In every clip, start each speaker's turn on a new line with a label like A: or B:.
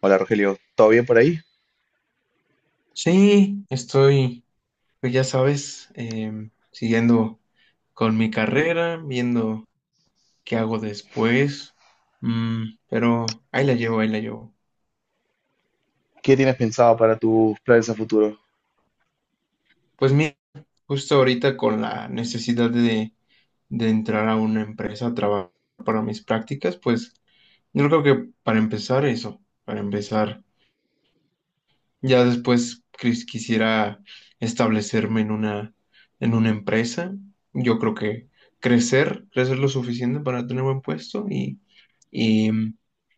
A: Hola Rogelio, ¿todo bien por ahí?
B: Sí, estoy, pues ya sabes, siguiendo con mi carrera, viendo qué hago después. Pero ahí la llevo, ahí la llevo.
A: ¿Qué tienes pensado para tus planes a futuro?
B: Pues mira, justo ahorita con la necesidad de entrar a una empresa a trabajar para mis prácticas, pues yo creo que para empezar eso, para empezar. Ya después quisiera establecerme en una empresa. Yo creo que crecer, crecer lo suficiente para tener buen puesto y,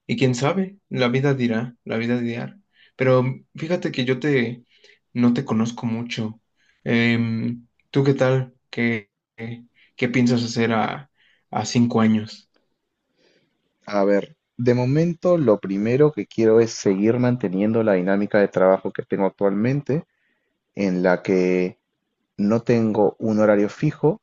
B: y quién sabe, la vida dirá, la vida dirá. Pero fíjate que no te conozco mucho. ¿Tú qué tal? Qué, qué piensas hacer a 5 años?
A: A ver, de momento lo primero que quiero es seguir manteniendo la dinámica de trabajo que tengo actualmente, en la que no tengo un horario fijo,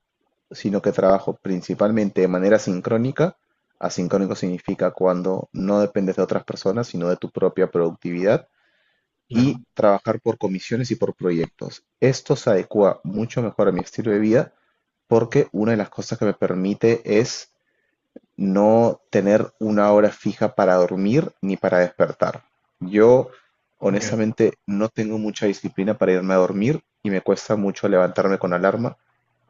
A: sino que trabajo principalmente de manera sincrónica. Asincrónico significa cuando no dependes de otras personas, sino de tu propia productividad, y
B: Claro.
A: trabajar por comisiones y por proyectos. Esto se adecua mucho mejor a mi estilo de vida porque una de las cosas que me permite es no tener una hora fija para dormir ni para despertar. Yo
B: Ya.
A: honestamente no tengo mucha disciplina para irme a dormir y me cuesta mucho levantarme con alarma.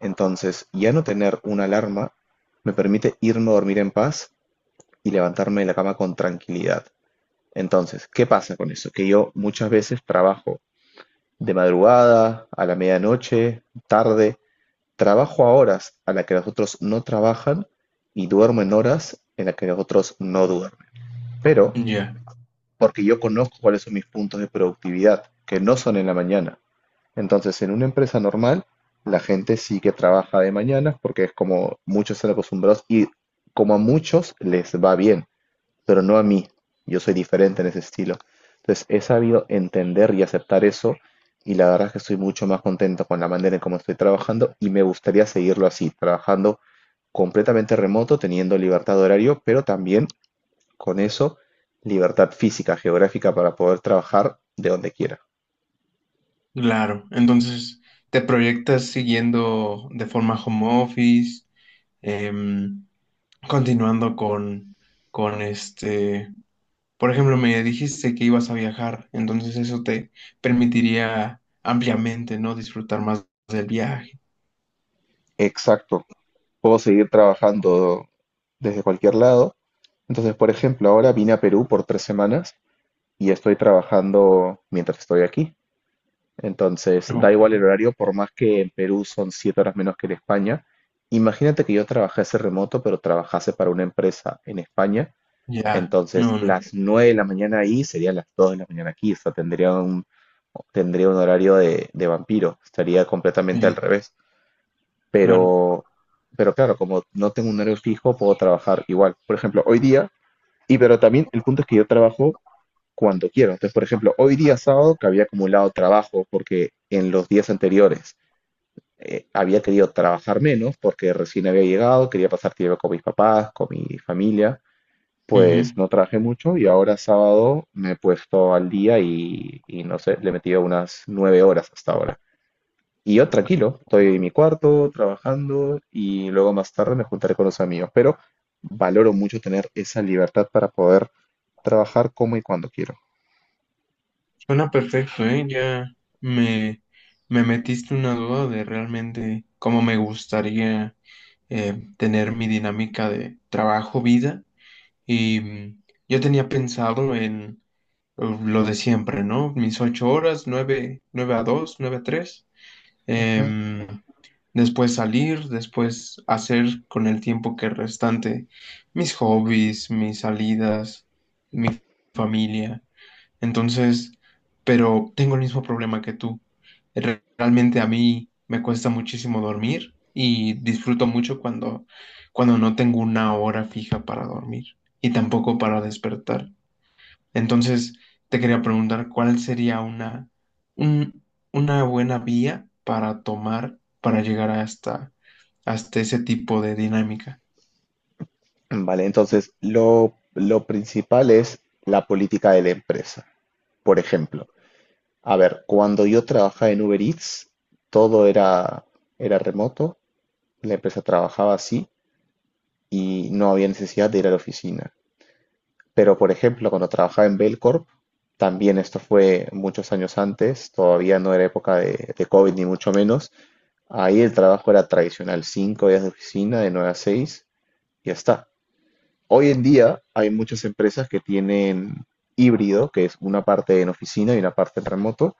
A: Entonces, ya no tener una alarma me permite irme a dormir en paz y levantarme de la cama con tranquilidad. Entonces, ¿qué pasa con eso? Que yo muchas veces trabajo de madrugada, a la medianoche, tarde, trabajo a horas a las que los otros no trabajan y duermo en horas en las que los otros no duermen. Pero
B: Ya.
A: porque yo conozco cuáles son mis puntos de productividad, que no son en la mañana. Entonces, en una empresa normal, la gente sí que trabaja de mañana porque es como muchos están acostumbrados y como a muchos les va bien, pero no a mí. Yo soy diferente en ese estilo. Entonces, he sabido entender y aceptar eso, y la verdad es que estoy mucho más contento con la manera en cómo estoy trabajando y me gustaría seguirlo así, trabajando completamente remoto, teniendo libertad de horario, pero también con eso libertad física, geográfica para poder trabajar de donde quiera.
B: Claro, entonces te proyectas siguiendo de forma home office, em, continuando con este, por ejemplo, me dijiste que ibas a viajar, entonces eso te permitiría ampliamente, ¿no? Disfrutar más del viaje.
A: Exacto. Puedo seguir trabajando desde cualquier lado. Entonces, por ejemplo, ahora vine a Perú por 3 semanas y estoy trabajando mientras estoy aquí. Entonces, da
B: Ok.
A: igual el horario, por más que en Perú son 7 horas menos que en España. Imagínate que yo trabajase remoto, pero trabajase para una empresa en España.
B: Ya,
A: Entonces,
B: no,
A: las
B: no,
A: 9 de la mañana ahí serían las 2 de la mañana aquí. O sea, tendría un horario de vampiro. Estaría completamente al
B: sí,
A: revés.
B: claro.
A: Pero, pero claro, como no tengo un horario fijo, puedo trabajar igual. Por ejemplo, hoy día, y pero también el punto es que yo trabajo cuando quiero. Entonces, por ejemplo, hoy día sábado que había acumulado trabajo porque en los días anteriores había querido trabajar menos porque recién había llegado, quería pasar tiempo con mis papás, con mi familia, pues
B: Ujú.
A: no trabajé mucho y ahora sábado me he puesto al día y no sé, le he metido unas 9 horas hasta ahora. Y yo tranquilo, estoy en mi cuarto trabajando y luego más tarde me juntaré con los amigos, pero valoro mucho tener esa libertad para poder trabajar como y cuando quiero.
B: Suena perfecto, ¿eh? Ya me, me metiste una duda de realmente cómo me gustaría. Tener mi dinámica de trabajo-vida. Y yo tenía pensado en lo de siempre, ¿no? Mis 8 horas, 9, 9 a 2, 9 a 3. em, después salir, después hacer con el tiempo que restante mis hobbies, mis salidas, mi familia. Entonces, pero tengo el mismo problema que tú. Realmente a mí me cuesta muchísimo dormir y disfruto mucho cuando no tengo una hora fija para dormir y tampoco para despertar. Entonces, te quería preguntar cuál sería un- una buena vía para tomar, para llegar hasta ese tipo de dinámica.
A: Vale, entonces lo principal es la política de la empresa. Por ejemplo, a ver, cuando yo trabajaba en Uber Eats, todo era remoto, la empresa trabajaba así y no había necesidad de ir a la oficina. Pero, por ejemplo, cuando trabajaba en Belcorp, también esto fue muchos años antes, todavía no era época de COVID ni mucho menos, ahí el trabajo era tradicional, 5 días de oficina, de 9 a 6, y ya está. Hoy en día hay muchas empresas que tienen híbrido, que es una parte en oficina y una parte en remoto.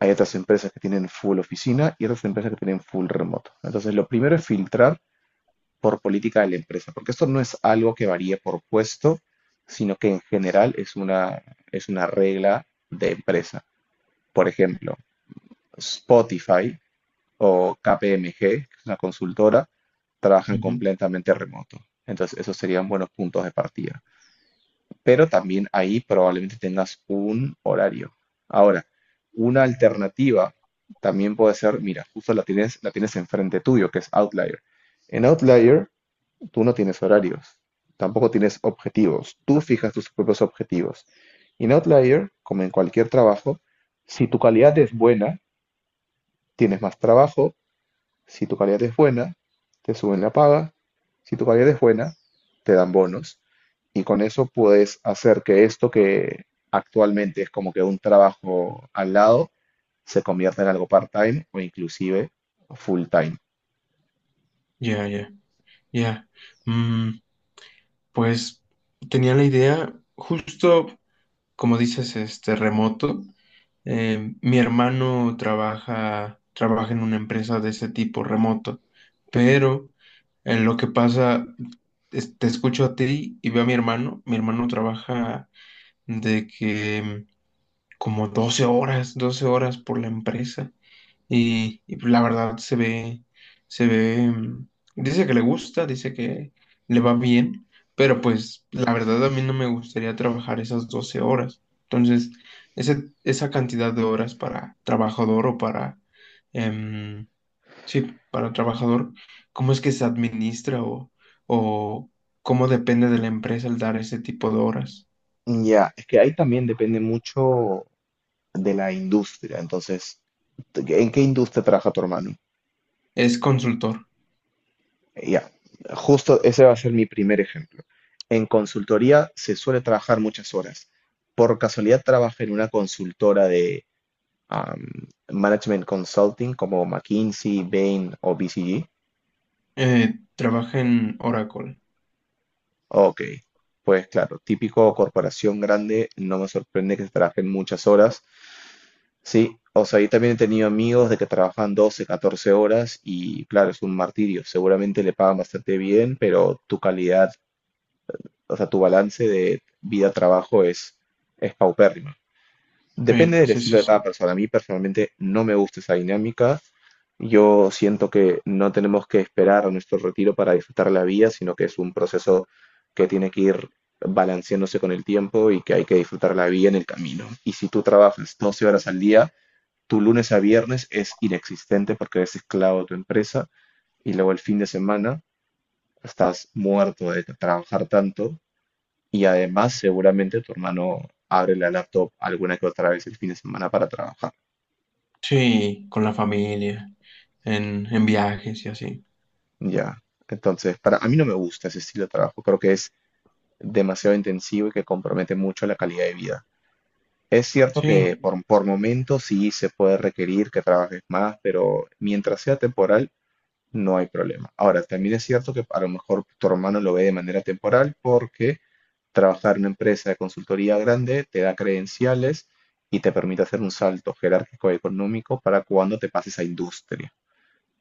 A: Hay otras empresas que tienen full oficina y otras empresas que tienen full remoto. Entonces, lo primero es filtrar por política de la empresa, porque esto no es algo que varíe por puesto, sino que en general es una regla de empresa. Por ejemplo, Spotify o KPMG, que es una consultora, trabajan
B: Ujú.
A: completamente remoto. Entonces, esos serían buenos puntos de partida, pero también ahí probablemente tengas un horario. Ahora, una alternativa también puede ser, mira, justo la tienes enfrente tuyo, que es Outlier. En Outlier, tú no tienes horarios, tampoco tienes objetivos, tú fijas tus propios objetivos. Y en Outlier, como en cualquier trabajo, si tu calidad es buena, tienes más trabajo. Si tu calidad es buena, te suben la paga. Si tu calidad es buena, te dan bonos. Y con eso puedes hacer que esto que actualmente es como que un trabajo al lado, se convierta en algo part-time o inclusive full-time.
B: Ya, ya. Ya. Mm, pues tenía la idea, justo como dices, este remoto. Mi hermano trabaja en una empresa de ese tipo remoto, pero en lo que pasa, te escucho a ti y veo a mi hermano. Mi hermano trabaja de que como 12 horas, 12 horas por la empresa. Y, pues la verdad se ve, dice que le gusta, dice que le va bien, pero pues la verdad a mí no me gustaría trabajar esas 12 horas. Entonces, esa cantidad de horas para trabajador o para, em, sí, para trabajador, ¿cómo es que se administra o cómo depende de la empresa el dar ese tipo de horas?
A: Ya, es que ahí también depende mucho de la industria. Entonces, ¿en qué industria trabaja tu hermano?
B: Es consultor,
A: Ya, justo ese va a ser mi primer ejemplo. En consultoría se suele trabajar muchas horas. ¿Por casualidad trabaja en una consultora de am, management consulting como McKinsey, Bain o BCG?
B: trabaja en Oracle.
A: Ok, pues claro, típico corporación grande, no me sorprende que se trabajen muchas horas. Sí, o sea, yo también he tenido amigos de que trabajan 12 14 horas y claro, es un martirio. Seguramente le pagan bastante bien, pero tu calidad. O sea, tu balance de vida-trabajo es paupérrimo.
B: Sí,
A: Depende del
B: sí,
A: estilo
B: sí,
A: de
B: sí.
A: cada persona. A mí personalmente no me gusta esa dinámica. Yo siento que no tenemos que esperar a nuestro retiro para disfrutar la vida, sino que es un proceso que tiene que ir balanceándose con el tiempo y que hay que disfrutar la vida en el camino. Y si tú trabajas 12 horas al día, tu lunes a viernes es inexistente porque eres esclavo de tu empresa y luego el fin de semana estás muerto de trabajar tanto y además, seguramente tu hermano abre la laptop alguna que otra vez el fin de semana para trabajar.
B: Sí, con la familia, en viajes y así.
A: Ya. Entonces, para a mí no me gusta ese estilo de trabajo. Creo que es demasiado intensivo y que compromete mucho la calidad de vida. Es cierto que
B: Sí,
A: por momentos sí se puede requerir que trabajes más, pero mientras sea temporal, no hay problema. Ahora, también es cierto que a lo mejor tu hermano lo ve de manera temporal porque trabajar en una empresa de consultoría grande te da credenciales y te permite hacer un salto jerárquico y económico para cuando te pases a industria.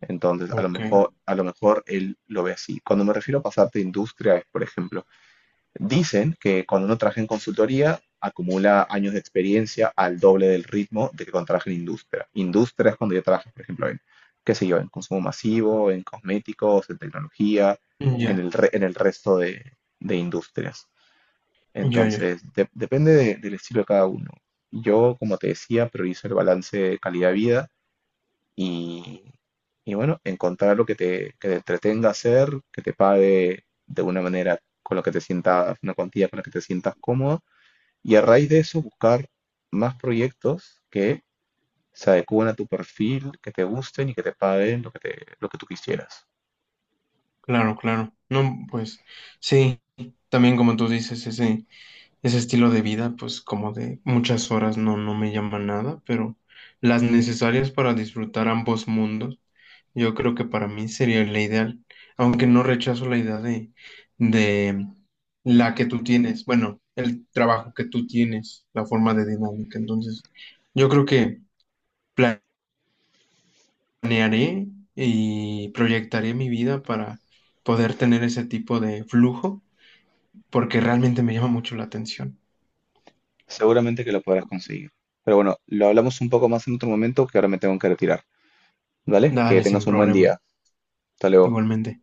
A: Entonces, a lo
B: ok.
A: mejor, a lo mejor él lo ve así. Cuando me refiero a pasarte a industria, es, por ejemplo, dicen que cuando uno trabaja en consultoría, acumula años de experiencia al doble del ritmo de que cuando trabaja en industria. Industria es cuando yo trabajo, por ejemplo, en, qué sé yo, en consumo masivo, en cosméticos, en tecnología, en
B: Ya,
A: el resto de industrias.
B: ya, ya.
A: Entonces, depende del estilo de cada uno. Yo, como te decía, priorizo el balance de calidad-vida y, y bueno, encontrar lo que te, entretenga hacer, que te pague de una manera con lo que te sientas, una cuantía con la que te sientas cómodo y a raíz de eso buscar más proyectos que se adecúen a tu perfil, que te gusten y que te paguen lo que tú quisieras.
B: Claro, claro. No, pues sí, también como tú dices, ese estilo de vida, pues como de muchas horas no, no me llama nada, pero las necesarias para disfrutar ambos mundos. Yo creo que para mí sería la ideal, aunque no rechazo la idea de la que tú tienes, bueno, el trabajo que tú tienes, la forma de dinámica. Entonces, yo creo que planearé y proyectaré mi vida para poder tener ese tipo de flujo, porque realmente me llama mucho la atención.
A: Seguramente que lo podrás conseguir. Pero bueno, lo hablamos un poco más en otro momento que ahora me tengo que retirar. ¿Vale? Que
B: Dale, sin
A: tengas un buen
B: problema,
A: día. Hasta luego.
B: igualmente.